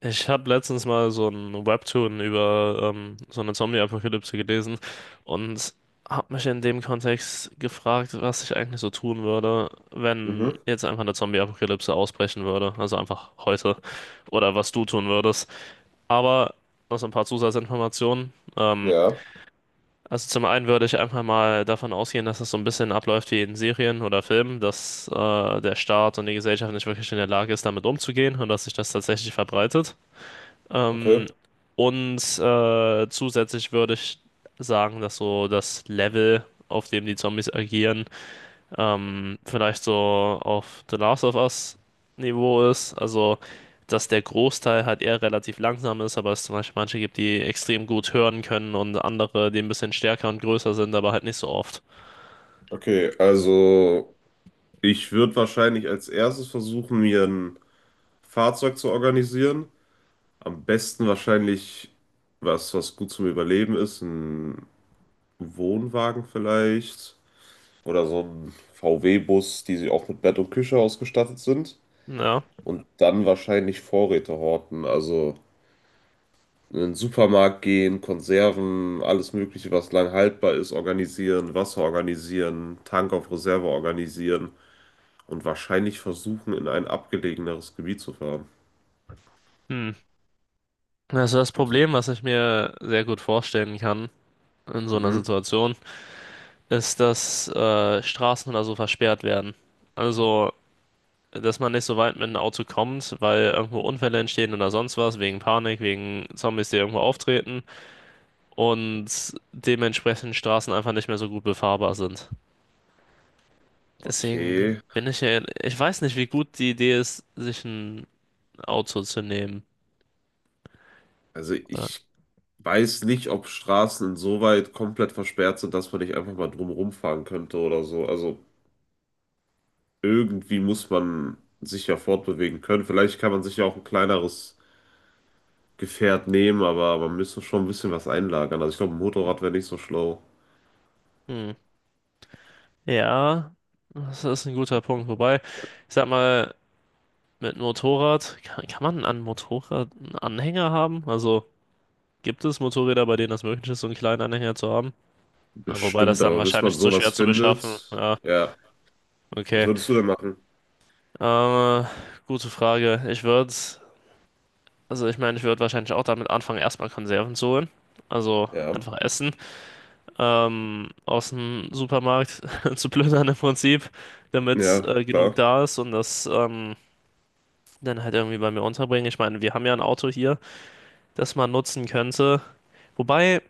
Ich habe letztens mal so ein Webtoon über so eine Zombie-Apokalypse gelesen und habe mich in dem Kontext gefragt, was ich eigentlich so tun würde, wenn Mhm. jetzt einfach eine Zombie-Apokalypse ausbrechen würde, also einfach heute, oder was du tun würdest. Aber noch so ein paar Zusatzinformationen. Ja, Also zum einen würde ich einfach mal davon ausgehen, dass es so ein bisschen abläuft wie in Serien oder Filmen, dass der Staat und die Gesellschaft nicht wirklich in der Lage ist, damit umzugehen und dass sich das tatsächlich verbreitet. Ähm, okay. Zusätzlich würde ich sagen, dass so das Level, auf dem die Zombies agieren, vielleicht so auf The Last of Us Niveau ist. Also, dass der Großteil halt eher relativ langsam ist, aber es zum Beispiel manche gibt, die extrem gut hören können und andere, die ein bisschen stärker und größer sind, aber halt nicht so oft. Okay, also ich würde wahrscheinlich als erstes versuchen, mir ein Fahrzeug zu organisieren. Am besten wahrscheinlich was gut zum Überleben ist, ein Wohnwagen vielleicht oder so ein VW-Bus, die sie auch mit Bett und Küche ausgestattet sind. Ja. Und dann wahrscheinlich Vorräte horten, also in den Supermarkt gehen, Konserven, alles Mögliche, was lang haltbar ist, organisieren, Wasser organisieren, Tank auf Reserve organisieren. Und wahrscheinlich versuchen, in ein abgelegeneres Gebiet zu fahren. Hm. Also das Also, Problem, was ich mir sehr gut vorstellen kann in so einer mhm. Situation, ist, dass Straßen oder so versperrt werden. Also, dass man nicht so weit mit einem Auto kommt, weil irgendwo Unfälle entstehen oder sonst was, wegen Panik, wegen Zombies, die irgendwo auftreten und dementsprechend Straßen einfach nicht mehr so gut befahrbar sind. Deswegen Okay. bin ich ja, ich weiß nicht, wie gut die Idee ist, sich ein Auto zu nehmen. Also Oder? ich weiß nicht, ob Straßen insoweit komplett versperrt sind, dass man nicht einfach mal drumherum fahren könnte oder so. Also irgendwie muss man sich ja fortbewegen können. Vielleicht kann man sich ja auch ein kleineres Gefährt nehmen, aber man müsste schon ein bisschen was einlagern. Also ich glaube, ein Motorrad wäre nicht so schlau. Hm. Ja, das ist ein guter Punkt. Wobei, ich sag mal, mit Motorrad, kann man an Motorrad einen Anhänger haben? Also, gibt es Motorräder, bei denen das möglich ist, so einen kleinen Anhänger zu haben? Na, wobei das Bestimmt, dann aber bis man wahrscheinlich zu sowas schwer zu beschaffen. findet, Ja, ja. Was okay. würdest du denn machen? Äh, Gute Frage. Also ich meine, ich würde wahrscheinlich auch damit anfangen, erstmal Konserven zu holen. Also Ja. einfach essen. Aus dem Supermarkt zu plündern im Prinzip, damit Ja, genug klar. da ist und das dann halt irgendwie bei mir unterbringen. Ich meine, wir haben ja ein Auto hier, das man nutzen könnte. Wobei.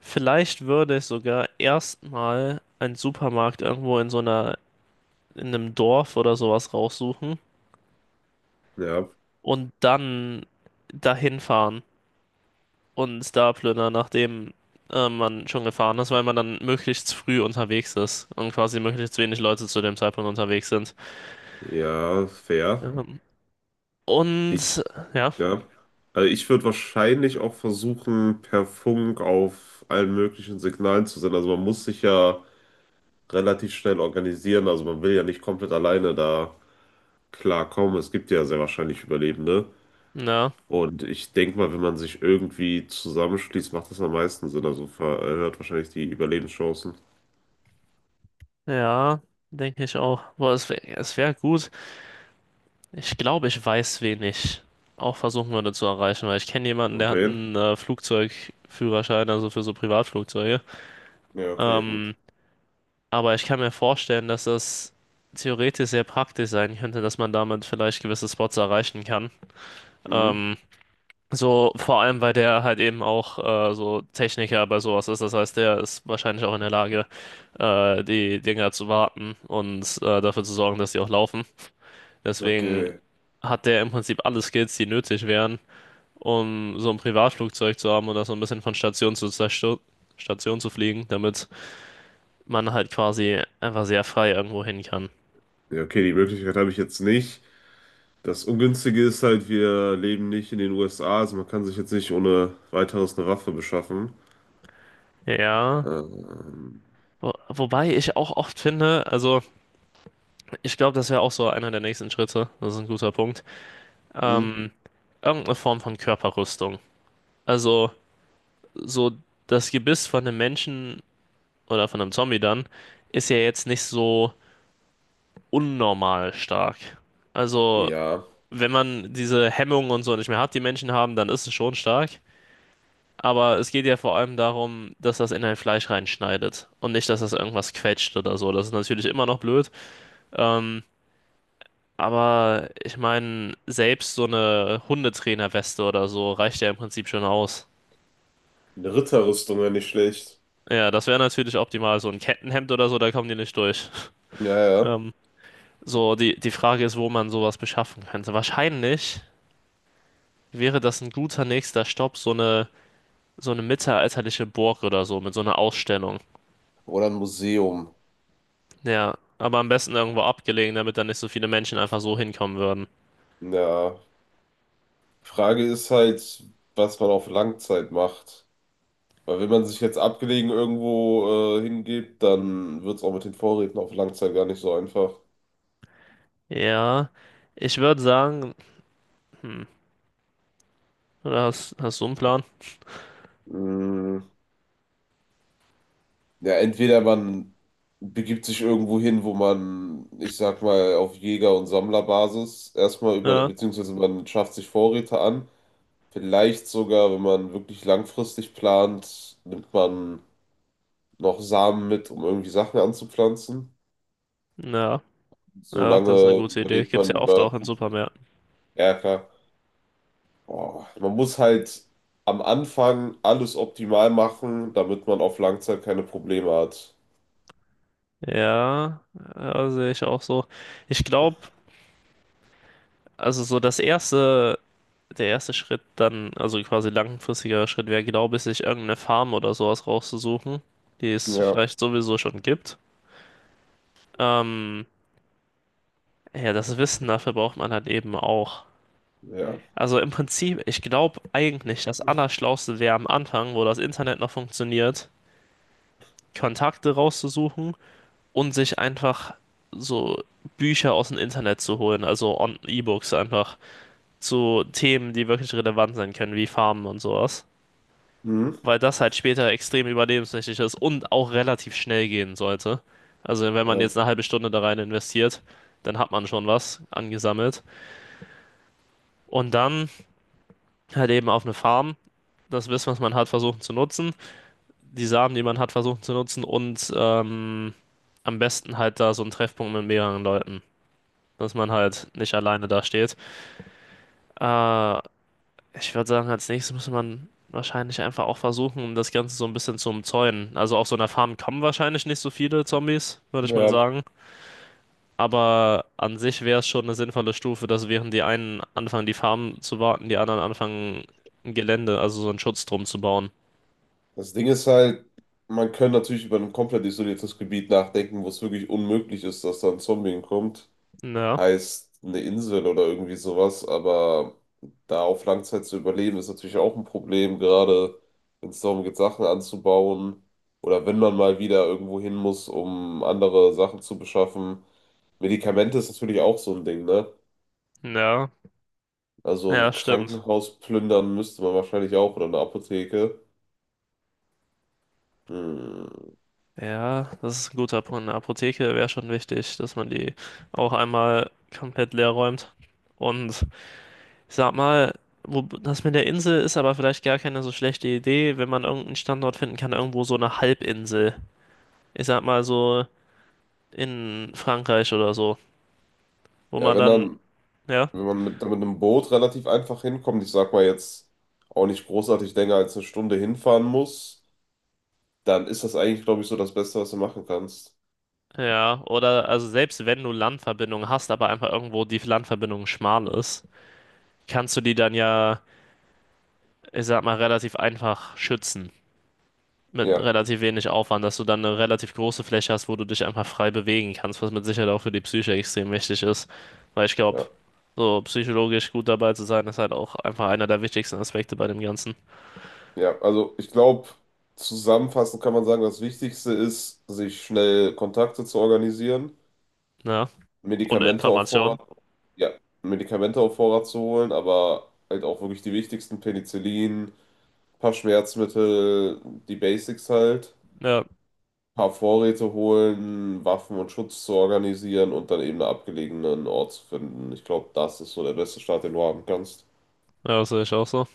Vielleicht würde ich sogar erstmal einen Supermarkt irgendwo in einem Dorf oder sowas raussuchen Ja. und dann dahin fahren und da plündern, nachdem man schon gefahren ist, weil man dann möglichst früh unterwegs ist und quasi möglichst wenig Leute zu dem Zeitpunkt unterwegs sind. Ja, fair. Ähm, und Ich, ja, ja. Also ich würde wahrscheinlich auch versuchen, per Funk auf allen möglichen Signalen zu senden. Also man muss sich ja relativ schnell organisieren. Also man will ja nicht komplett alleine da klarkommen. Es gibt ja sehr wahrscheinlich Überlebende. ja, Und ich denke mal, wenn man sich irgendwie zusammenschließt, macht das am meisten Sinn. Also erhöht wahrscheinlich die Überlebenschancen. ja, denke ich auch. Boah, es wäre es wär gut. Ich glaube, ich weiß, wen ich auch versuchen würde zu erreichen, weil ich kenne jemanden, der Und hat wen? einen Flugzeugführerschein, also für so Privatflugzeuge. Ja, okay, Ähm, gut. aber ich kann mir vorstellen, dass das theoretisch sehr praktisch sein könnte, dass man damit vielleicht gewisse Spots erreichen kann. Mhm. Ähm, so vor allem, weil der halt eben auch so Techniker bei sowas ist. Das heißt, der ist wahrscheinlich auch in der Lage, die Dinger zu warten und dafür zu sorgen, dass die auch laufen. Deswegen Okay. hat der im Prinzip alle Skills, die nötig wären um so ein Privatflugzeug zu haben oder so ein bisschen von Station zu Sta- Station zu fliegen, damit man halt quasi einfach sehr frei irgendwo hin kann. Ja, okay, die Möglichkeit habe ich jetzt nicht. Das Ungünstige ist halt, wir leben nicht in den USA, also man kann sich jetzt nicht ohne weiteres eine Waffe beschaffen. Ja, Ähm, wobei ich auch oft finde, also ich glaube, das wäre auch so einer der nächsten Schritte, das ist ein guter Punkt, Hm? ähm, irgendeine Form von Körperrüstung. Also so das Gebiss von einem Menschen oder von einem Zombie dann ist ja jetzt nicht so unnormal stark. Also Ja, wenn man diese Hemmungen und so nicht mehr hat, die Menschen haben, dann ist es schon stark. Aber es geht ja vor allem darum, dass das in ein Fleisch reinschneidet und nicht, dass das irgendwas quetscht oder so. Das ist natürlich immer noch blöd. Ähm, aber ich meine, selbst so eine Hundetrainerweste oder so reicht ja im Prinzip schon aus. eine Ritterrüstung wäre nicht schlecht. Ja, das wäre natürlich optimal. So ein Kettenhemd oder so, da kommen die nicht durch. Ja, ja. Ähm, so, die Frage ist, wo man sowas beschaffen könnte. Wahrscheinlich wäre das ein guter nächster Stopp, so eine mittelalterliche Burg oder so mit so einer Ausstellung. Oder ein Museum. Ja, aber am besten irgendwo abgelegen, damit da nicht so viele Menschen einfach so hinkommen würden. Ja. Frage ist halt, was man auf Langzeit macht. Weil wenn man sich jetzt abgelegen irgendwo hingibt, dann wird es auch mit den Vorräten auf Langzeit gar nicht so einfach. Ja, ich würde sagen, hm, oder hast du einen Plan? Mm, ja, entweder man begibt sich irgendwo hin, wo man, ich sag mal, auf Jäger- und Sammlerbasis erstmal über, Ja, beziehungsweise man schafft sich Vorräte an. Vielleicht sogar, wenn man wirklich langfristig plant, nimmt man noch Samen mit, um irgendwie Sachen anzupflanzen. ja, ja, das ist eine Solange gute Idee. überlebt Gibt's man ja oft über. auch in Supermärkten. Ja, klar. Boah, man muss halt am Anfang alles optimal machen, damit man auf Langzeit keine Probleme hat. Ja, ja, sehe ich auch so. Ich glaube, also so das erste, der erste Schritt dann, also quasi langfristiger Schritt wäre, glaube ich, sich irgendeine Farm oder sowas rauszusuchen, die es Ja, vielleicht sowieso schon gibt. Ähm, Ja, das Wissen dafür braucht man halt eben auch. ja. Also im Prinzip, ich glaube eigentlich, das Allerschlauste wäre am Anfang, wo das Internet noch funktioniert, Kontakte rauszusuchen und sich einfach so Bücher aus dem Internet zu holen, also E-Books einfach zu Themen, die wirklich relevant sein können, wie Farmen und sowas. Mhm. Weil das halt später extrem überlebenswichtig ist und auch relativ schnell gehen sollte. Also wenn man Ja. jetzt eine halbe Stunde da rein investiert, dann hat man schon was angesammelt. Und dann halt eben auf eine Farm das Wissen, was man hat, versuchen zu nutzen, die Samen, die man hat, versuchen zu nutzen und am besten halt da so einen Treffpunkt mit mehreren Leuten, dass man halt nicht alleine da steht. Äh, Ich würde sagen, als nächstes muss man wahrscheinlich einfach auch versuchen, um das Ganze so ein bisschen zu umzäunen. Also auf so einer Farm kommen wahrscheinlich nicht so viele Zombies, würde ich mal Ja. sagen. Aber an sich wäre es schon eine sinnvolle Stufe, dass während die einen anfangen, die Farm zu warten, die anderen anfangen, ein Gelände, also so einen Schutz drum zu bauen. Das Ding ist halt, man kann natürlich über ein komplett isoliertes Gebiet nachdenken, wo es wirklich unmöglich ist, dass da ein Zombie kommt. Ja. Heißt eine Insel oder irgendwie sowas, aber da auf Langzeit zu überleben, ist natürlich auch ein Problem, gerade wenn es darum geht, Sachen anzubauen oder wenn man mal wieder irgendwo hin muss, um andere Sachen zu beschaffen. Medikamente ist natürlich auch so ein Ding, ne? Ja, Also ja, ein stimmt. Krankenhaus plündern müsste man wahrscheinlich auch oder eine Apotheke. Hm. Ja, das ist ein guter Punkt. Eine Apotheke wäre schon wichtig, dass man die auch einmal komplett leer räumt. Und ich sag mal, das mit der Insel ist aber vielleicht gar keine so schlechte Idee, wenn man irgendeinen Standort finden kann, irgendwo so eine Halbinsel. Ich sag mal so in Frankreich oder so, wo Ja, man wenn dann, dann. ja, Wenn man mit einem Boot relativ einfach hinkommt, ich sag mal jetzt auch nicht großartig länger als eine Stunde hinfahren muss, dann ist das eigentlich, glaube ich, so das Beste, was du machen kannst. ja, oder also selbst wenn du Landverbindungen hast, aber einfach irgendwo die Landverbindung schmal ist, kannst du die dann ja, ich sag mal, relativ einfach schützen. Mit Ja, relativ wenig Aufwand, dass du dann eine relativ große Fläche hast, wo du dich einfach frei bewegen kannst, was mit Sicherheit auch für die Psyche extrem wichtig ist. Weil ich glaube, ja, so psychologisch gut dabei zu sein, ist halt auch einfach einer der wichtigsten Aspekte bei dem Ganzen. ja. Also ich glaube, zusammenfassend kann man sagen, das Wichtigste ist, sich schnell Kontakte zu organisieren, Ja. Und Medikamente auf Information. Vorrat, ja, Medikamente auf Vorrat zu holen, aber halt auch wirklich die wichtigsten, Penicillin, ein paar Schmerzmittel, die Basics halt. Ja, Paar Vorräte holen, Waffen und Schutz zu organisieren und dann eben einen abgelegenen Ort zu finden. Ich glaube, das ist so der beste Start, den du haben kannst. ja, das sehe ich auch so.